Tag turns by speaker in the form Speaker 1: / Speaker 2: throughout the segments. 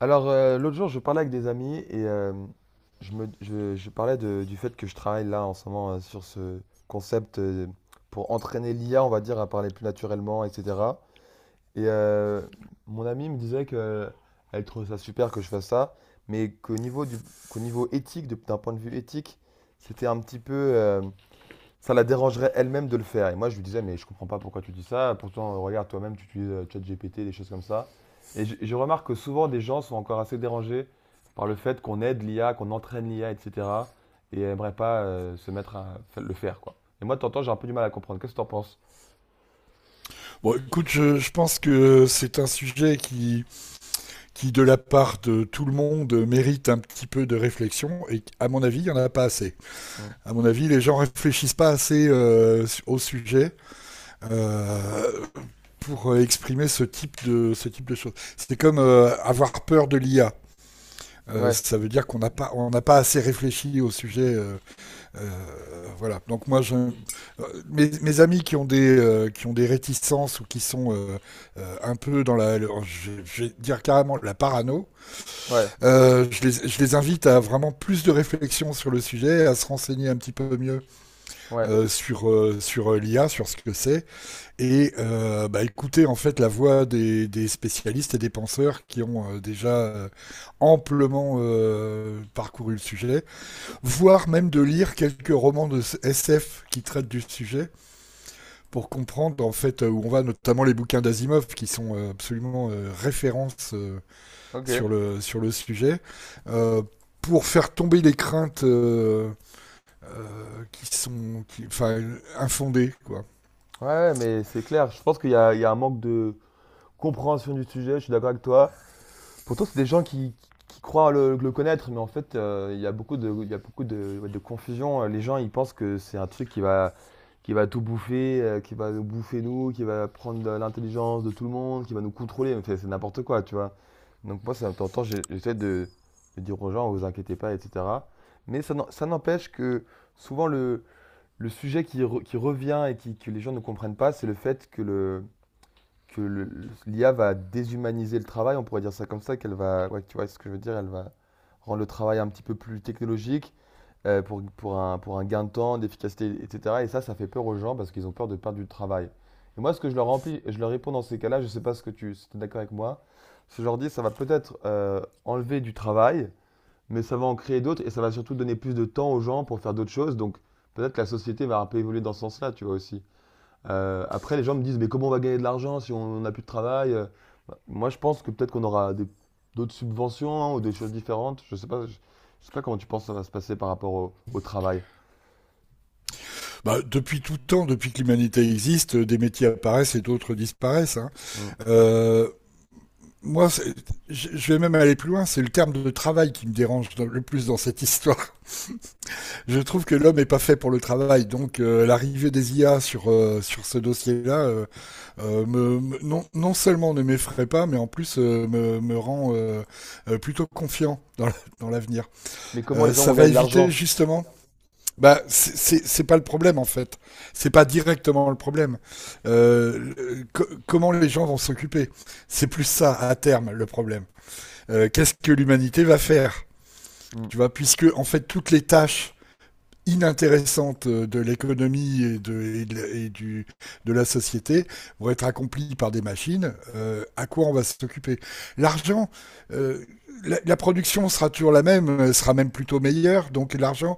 Speaker 1: Alors, l'autre jour, je parlais avec des amis et je parlais du fait que je travaille là en ce moment sur ce concept pour entraîner l'IA, on va dire, à parler plus naturellement, etc. Et mon ami me disait que elle trouve ça super que je fasse ça, mais qu'au niveau éthique, d'un point de vue éthique, c'était un petit peu, ça la dérangerait elle-même de le faire. Et moi, je lui disais, mais je comprends pas pourquoi tu dis ça. Pourtant, regarde, toi-même, tu utilises ChatGPT, des choses comme ça. Et je remarque que souvent, des gens sont encore assez dérangés par le fait qu'on aide l'IA, qu'on entraîne l'IA, etc. Et cetera. Et n'aimeraient pas se mettre le faire, quoi. Et moi, de temps en temps, j'ai un peu du mal à comprendre. Qu'est-ce que tu en penses?
Speaker 2: Bon, écoute, je pense que c'est un sujet qui, de la part de tout le monde, mérite un petit peu de réflexion. Et à mon avis, il n'y en a pas assez.
Speaker 1: Hmm.
Speaker 2: À mon avis, les gens réfléchissent pas assez au sujet euh, pour exprimer ce type de choses. C'est comme avoir peur de l'IA.
Speaker 1: Ouais,
Speaker 2: Ça veut dire qu'on n'a pas, on n'a pas assez réfléchi au sujet voilà. Donc moi, mes amis qui ont des réticences ou qui sont un peu dans je vais dire carrément la parano,
Speaker 1: ouais,
Speaker 2: je les invite à vraiment plus de réflexion sur le sujet, à se renseigner un petit peu mieux
Speaker 1: ouais.
Speaker 2: sur sur l'IA, sur ce que c'est, et bah, écouter en fait la voix des spécialistes et des penseurs qui ont déjà amplement parcouru le sujet, voire même de lire quelques romans de SF qui traitent du sujet pour comprendre en fait où on va, notamment les bouquins d'Asimov qui sont absolument références
Speaker 1: Ok. Ouais,
Speaker 2: sur le sujet. Euh, pour faire tomber les craintes enfin, infondées. Quoi.
Speaker 1: ouais, mais c'est clair. Je pense qu'il y a un manque de compréhension du sujet. Je suis d'accord avec toi. Pourtant, c'est des gens qui croient le connaître, mais en fait, il y a beaucoup de, il y a beaucoup de, ouais, de confusion. Les gens, ils pensent que c'est un truc qui va tout bouffer, qui va nous bouffer nous, qui va prendre de l'intelligence de tout le monde, qui va nous contrôler. Mais c'est n'importe quoi, tu vois. Donc moi, ça, de temps en temps, j'essaie de dire aux gens, vous inquiétez pas, etc. Mais ça n'empêche que souvent, le sujet qui revient que les gens ne comprennent pas, c'est le fait que l'IA va déshumaniser le travail, on pourrait dire ça comme ça, qu'elle va, ouais, tu vois ce que je veux dire, elle va rendre le travail un petit peu plus technologique pour un gain de temps, d'efficacité, etc. Et ça fait peur aux gens parce qu'ils ont peur de perdre du travail. Et moi, ce que je leur remplis, je leur réponds dans ces cas-là, je ne sais pas ce que tu, si tu es d'accord avec moi, c'est que je leur dis, ça va peut-être enlever du travail, mais ça va en créer d'autres et ça va surtout donner plus de temps aux gens pour faire d'autres choses. Donc peut-être que la société va un peu évoluer dans ce sens-là, tu vois aussi. Après, les gens me disent, mais comment on va gagner de l'argent si on n'a plus de travail? Bah, moi, je pense que peut-être d'autres subventions hein, ou des choses différentes. Je sais pas, je sais pas comment tu penses que ça va se passer par rapport au travail.
Speaker 2: Bah, depuis tout temps, depuis que l'humanité existe, des métiers apparaissent et d'autres disparaissent. Hein.
Speaker 1: Mm.
Speaker 2: Euh, moi, je vais même aller plus loin, c'est le terme de travail qui me dérange le plus dans cette histoire. Je trouve que l'homme n'est pas fait pour le travail, donc l'arrivée des IA sur ce dossier-là, non, non seulement ne m'effraie pas, mais en plus me rend plutôt confiant dans l'avenir.
Speaker 1: Mais comment les gens vont
Speaker 2: Ça va
Speaker 1: gagner de
Speaker 2: éviter
Speaker 1: l'argent?
Speaker 2: justement. Bah, c'est pas le problème en fait. C'est pas directement le problème. Comment les gens vont s'occuper? C'est plus ça à terme le problème. Qu'est-ce que l'humanité va faire?
Speaker 1: Mm.
Speaker 2: Tu vois, puisque en fait toutes les tâches inintéressante de l'économie de la société vont être accomplies par des machines. À quoi on va s'occuper? L'argent, euh, la production sera toujours la même, sera même plutôt meilleure, donc l'argent,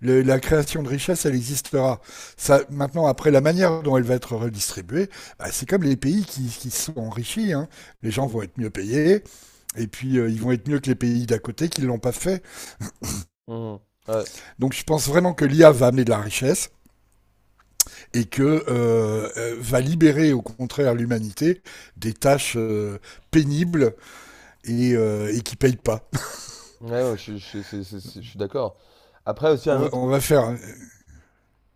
Speaker 2: le, la création de richesse, elle existera. Ça, maintenant, après la manière dont elle va être redistribuée, bah, c'est comme les pays qui sont enrichis. Hein. Les gens vont être mieux payés, et puis ils vont être mieux que les pays d'à côté qui ne l'ont pas fait.
Speaker 1: Mm. Ouais,
Speaker 2: Donc je pense vraiment que l'IA va amener de la richesse, et que va libérer au contraire l'humanité des tâches pénibles et qui payent pas.
Speaker 1: ouais, non, je suis d'accord. Après, aussi un autre...
Speaker 2: On va faire.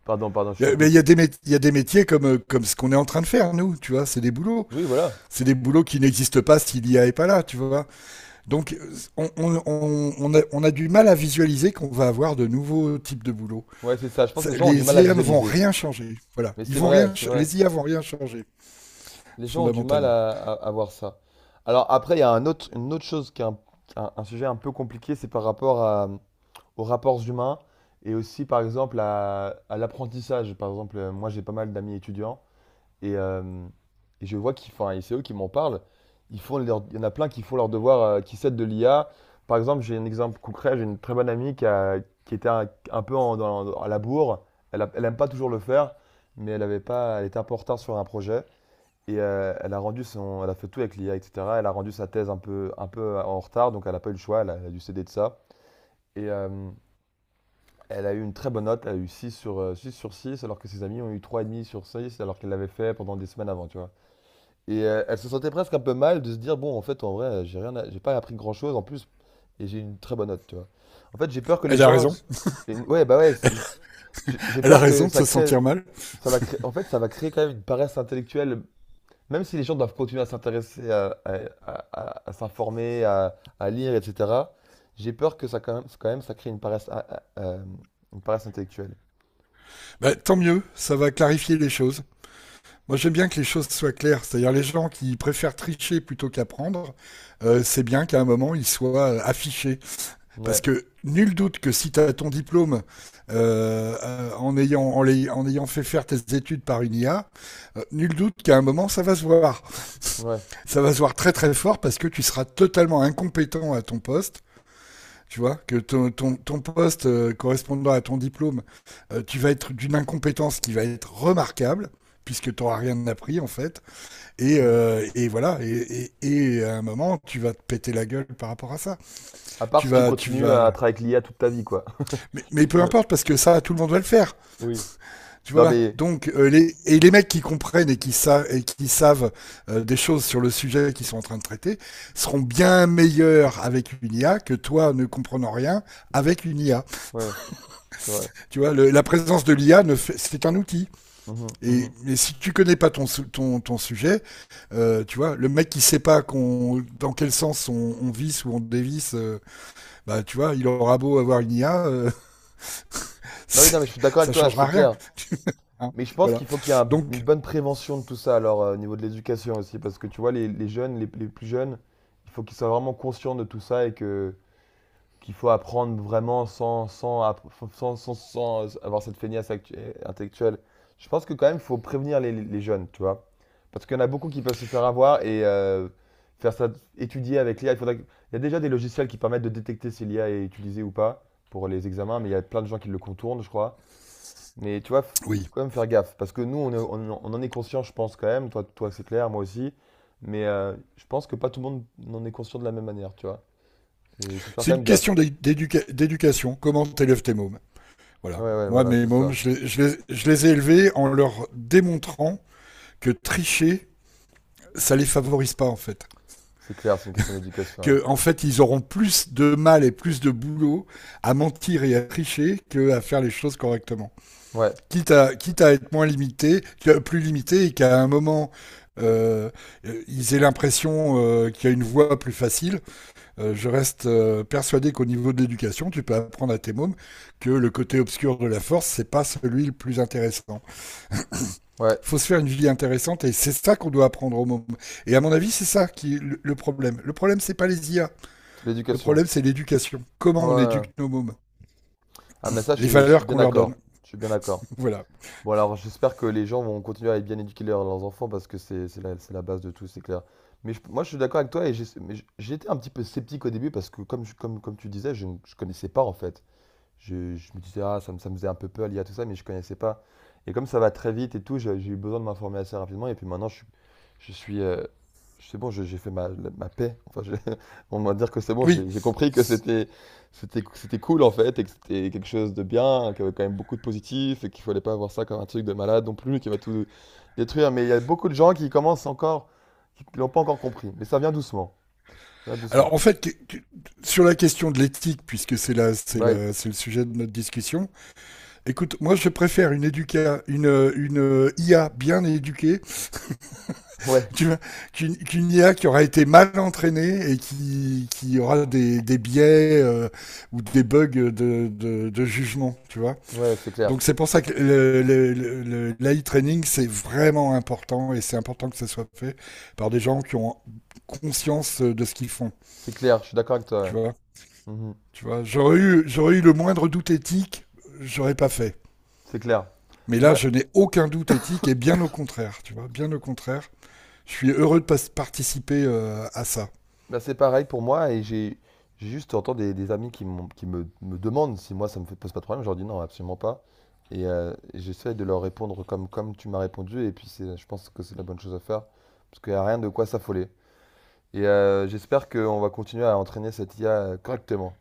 Speaker 1: Pardon, pardon, je te
Speaker 2: Mais
Speaker 1: coupe.
Speaker 2: il y a des métiers comme comme ce qu'on est en train de faire nous, tu vois,
Speaker 1: Oui, voilà.
Speaker 2: c'est des boulots qui n'existent pas si l'IA est pas là, tu vois. Donc on a du mal à visualiser qu'on va avoir de nouveaux types de boulots.
Speaker 1: Ouais, c'est ça. Je pense que
Speaker 2: Ça-
Speaker 1: les gens ont du
Speaker 2: Les
Speaker 1: mal à
Speaker 2: IA ne vont
Speaker 1: visualiser.
Speaker 2: rien changer, voilà.
Speaker 1: Mais
Speaker 2: Ils
Speaker 1: c'est
Speaker 2: vont rien,
Speaker 1: vrai, c'est
Speaker 2: ch-
Speaker 1: vrai.
Speaker 2: les IA vont rien changer
Speaker 1: Les gens ont du mal
Speaker 2: fondamentalement.
Speaker 1: à voir ça. Alors après, il y a un autre, une autre chose qui est un sujet un peu compliqué, c'est par rapport aux rapports humains et aussi par exemple à l'apprentissage. Par exemple, moi j'ai pas mal d'amis étudiants et, euh, et je vois qu'ils font, et c'est eux qui m'en parlent, il y en a plein qui font leur devoir, qui s'aident de l'IA. Par exemple, j'ai un exemple concret, j'ai une très bonne amie qui était un peu à la bourre, elle aime pas toujours le faire, mais elle avait pas, elle était un peu en retard sur un projet. Et elle a fait tout avec l'IA, etc. Elle a rendu sa thèse un peu en retard, donc elle n'a pas eu le choix, elle a dû céder de ça. Et elle a eu une très bonne note, elle a eu 6 sur 6, alors que ses amis ont eu trois et demi sur 6 alors qu'elle l'avait fait pendant des semaines avant, tu vois. Et elle se sentait presque un peu mal de se dire, bon, en fait, en vrai, j'ai rien, à- j'ai pas appris grand-chose en plus, et j'ai une très bonne note, tu vois. En fait, j'ai peur que les
Speaker 2: Elle a
Speaker 1: gens...
Speaker 2: raison.
Speaker 1: Ouais, bah ouais, j'ai
Speaker 2: Elle a
Speaker 1: peur que
Speaker 2: raison de
Speaker 1: ça
Speaker 2: se
Speaker 1: crée...
Speaker 2: sentir mal.
Speaker 1: Ça va créer... En fait, ça va créer quand même une paresse intellectuelle. Même si les gens doivent continuer à s'intéresser, à s'informer, à lire, etc., j'ai peur que ça, quand même, ça crée une paresse, une paresse intellectuelle.
Speaker 2: Bah, tant mieux, ça va clarifier les choses. Moi, j'aime bien que les choses soient claires. C'est-à-dire, les gens qui préfèrent tricher plutôt qu'apprendre, c'est bien qu'à un moment, ils soient affichés. Parce
Speaker 1: Ouais,
Speaker 2: que nul doute que si tu as ton diplôme en ayant fait faire tes études par une IA, nul doute qu'à un moment, ça va se voir.
Speaker 1: ouais.
Speaker 2: Ça va se voir très très fort parce que tu seras totalement incompétent à ton poste, tu vois, que ton poste correspondant à ton diplôme, tu vas être d'une incompétence qui va être remarquable, puisque tu n'auras rien appris en fait. Et,
Speaker 1: Mm.
Speaker 2: et à un moment, tu vas te péter la gueule par rapport à ça.
Speaker 1: À part
Speaker 2: Tu
Speaker 1: si tu
Speaker 2: vas, tu
Speaker 1: continues
Speaker 2: vas.
Speaker 1: à travailler avec l'IA toute ta vie, quoi.
Speaker 2: Mais peu importe, parce que ça, tout le monde va le faire.
Speaker 1: Oui.
Speaker 2: Tu
Speaker 1: Non,
Speaker 2: vois.
Speaker 1: mais...
Speaker 2: Donc, et les mecs qui comprennent et qui savent des choses sur le sujet qu'ils sont en train de traiter seront bien meilleurs avec une IA que toi ne comprenant rien avec une IA.
Speaker 1: Ouais, c'est vrai.
Speaker 2: Tu vois, la présence de l'IA, ne fait- c'est un outil.
Speaker 1: Mhm,
Speaker 2: Et,
Speaker 1: mhm.
Speaker 2: mais si tu connais pas ton sujet, tu vois, le mec qui sait pas dans quel sens on visse ou on dévisse, bah, tu vois, il aura beau avoir une IA,
Speaker 1: Bah oui, non, mais je
Speaker 2: c'est-
Speaker 1: suis d'accord avec
Speaker 2: ça
Speaker 1: toi,
Speaker 2: changera
Speaker 1: c'est
Speaker 2: rien.
Speaker 1: clair.
Speaker 2: Hein.
Speaker 1: Mais je pense
Speaker 2: Voilà.
Speaker 1: qu'il faut qu'il y ait une
Speaker 2: Donc,
Speaker 1: bonne prévention de tout ça, alors, au niveau de l'éducation aussi, parce que tu vois, les jeunes, les plus jeunes, il faut qu'ils soient vraiment conscients de tout ça et que qu'il faut apprendre vraiment sans, sans, app- sans, sans, sans avoir cette intellectuelle. Je pense que quand même, il faut prévenir les jeunes, tu vois. Parce qu'il y en a beaucoup qui peuvent se faire avoir et faire ça, étudier avec l'IA. Il y a déjà des logiciels qui permettent de détecter si l'IA est utilisée ou pas pour les examens, mais il y a plein de gens qui le contournent, je crois. Mais tu vois,
Speaker 2: oui,
Speaker 1: quand même faire gaffe. Parce que nous, on en est conscient, je pense, quand même. Toi, toi c'est clair, moi aussi. Mais je pense que pas tout le monde en est conscient de la même manière, tu vois. Et il faut faire
Speaker 2: c'est
Speaker 1: quand
Speaker 2: une
Speaker 1: même gaffe.
Speaker 2: question d'éducation. Comment t'élèves tes mômes? Voilà.
Speaker 1: Ouais, ouais,
Speaker 2: Moi,
Speaker 1: voilà,
Speaker 2: mes
Speaker 1: c'est
Speaker 2: mômes,
Speaker 1: ça.
Speaker 2: je les ai élevés en leur démontrant que tricher, ça les favorise pas, en fait.
Speaker 1: C'est clair, c'est une question d'éducation. Ouais,
Speaker 2: Que en fait ils auront plus de mal et plus de boulot à mentir et à tricher qu'à faire les choses correctement.
Speaker 1: ouais,
Speaker 2: Quitte à être moins limité, plus limité et qu'à un moment euh, ils aient l'impression qu'il y a une voie plus facile. Je reste persuadé qu'au niveau de l'éducation, tu peux apprendre à tes mômes que le côté obscur de la force, c'est pas celui le plus intéressant.
Speaker 1: ouais,
Speaker 2: Il faut se faire une vie intéressante et c'est ça qu'on doit apprendre aux mômes. Et à mon avis, c'est ça qui est le problème. Le problème, c'est pas les IA.
Speaker 1: c'est
Speaker 2: Le
Speaker 1: l'éducation.
Speaker 2: problème, c'est l'éducation. Comment
Speaker 1: Ouais.
Speaker 2: on
Speaker 1: Ouais,
Speaker 2: éduque
Speaker 1: ouais.
Speaker 2: nos mômes?
Speaker 1: Ah, mais ça,
Speaker 2: Les
Speaker 1: je suis
Speaker 2: valeurs
Speaker 1: bien
Speaker 2: qu'on leur donne.
Speaker 1: d'accord. Je suis bien d'accord.
Speaker 2: Voilà.
Speaker 1: Bon, alors, j'espère que les gens vont continuer à bien éduquer leurs enfants parce que c'est la base de tout, c'est clair. Mais moi, je suis d'accord avec toi j'étais un petit peu sceptique au début parce que, comme, comme tu disais, je connaissais pas en fait. Je me disais, ah, ça me faisait un peu peur lié à tout ça, mais je connaissais pas. Et comme ça va très vite et tout, j'ai eu besoin de m'informer assez rapidement. Et puis maintenant, je suis. C'est bon, j'ai fait ma paix. Enfin, on va dire que c'est bon,
Speaker 2: Oui.
Speaker 1: j'ai compris que c'était cool en fait, et que c'était quelque chose de bien, qu'il y avait quand même beaucoup de positif, et qu'il fallait pas avoir ça comme un truc de malade non plus, qui va tout détruire. Mais il y a beaucoup de gens qui commencent encore, qui l'ont pas encore compris. Mais ça vient doucement. Ça vient
Speaker 2: Alors,
Speaker 1: doucement.
Speaker 2: en fait, sur la question de l'éthique, puisque c'est là,
Speaker 1: Ouais,
Speaker 2: c'est le sujet de notre discussion. Écoute, moi, je préfère une IA bien éduquée
Speaker 1: ouais,
Speaker 2: qu'une qu IA qui aura été mal entraînée et qui aura des biais ou des bugs de jugement, tu vois.
Speaker 1: ouais, c'est clair.
Speaker 2: Donc c'est pour ça que l'AI training, c'est vraiment important et c'est important que ça soit fait par des gens qui ont conscience de ce qu'ils font.
Speaker 1: C'est clair, je suis d'accord avec
Speaker 2: Tu
Speaker 1: toi.
Speaker 2: vois,
Speaker 1: Ouais. Mhm.
Speaker 2: tu vois j'aurais, j'aurais eu le moindre doute éthique, j'aurais pas fait.
Speaker 1: C'est clair.
Speaker 2: Mais
Speaker 1: Mais
Speaker 2: là,
Speaker 1: moi,
Speaker 2: je n'ai aucun doute éthique et bien au contraire, tu vois, bien au contraire. Je suis heureux de participer à ça.
Speaker 1: bah, c'est pareil pour moi et j'ai juste entends des amis qui, qui me demandent si moi pose pas de problème. Je leur dis non, absolument pas. Et j'essaie de leur répondre comme tu m'as répondu. Et puis je pense que c'est la bonne chose à faire parce qu'il n'y a rien de quoi s'affoler. Et j'espère qu'on va continuer à entraîner cette IA correctement.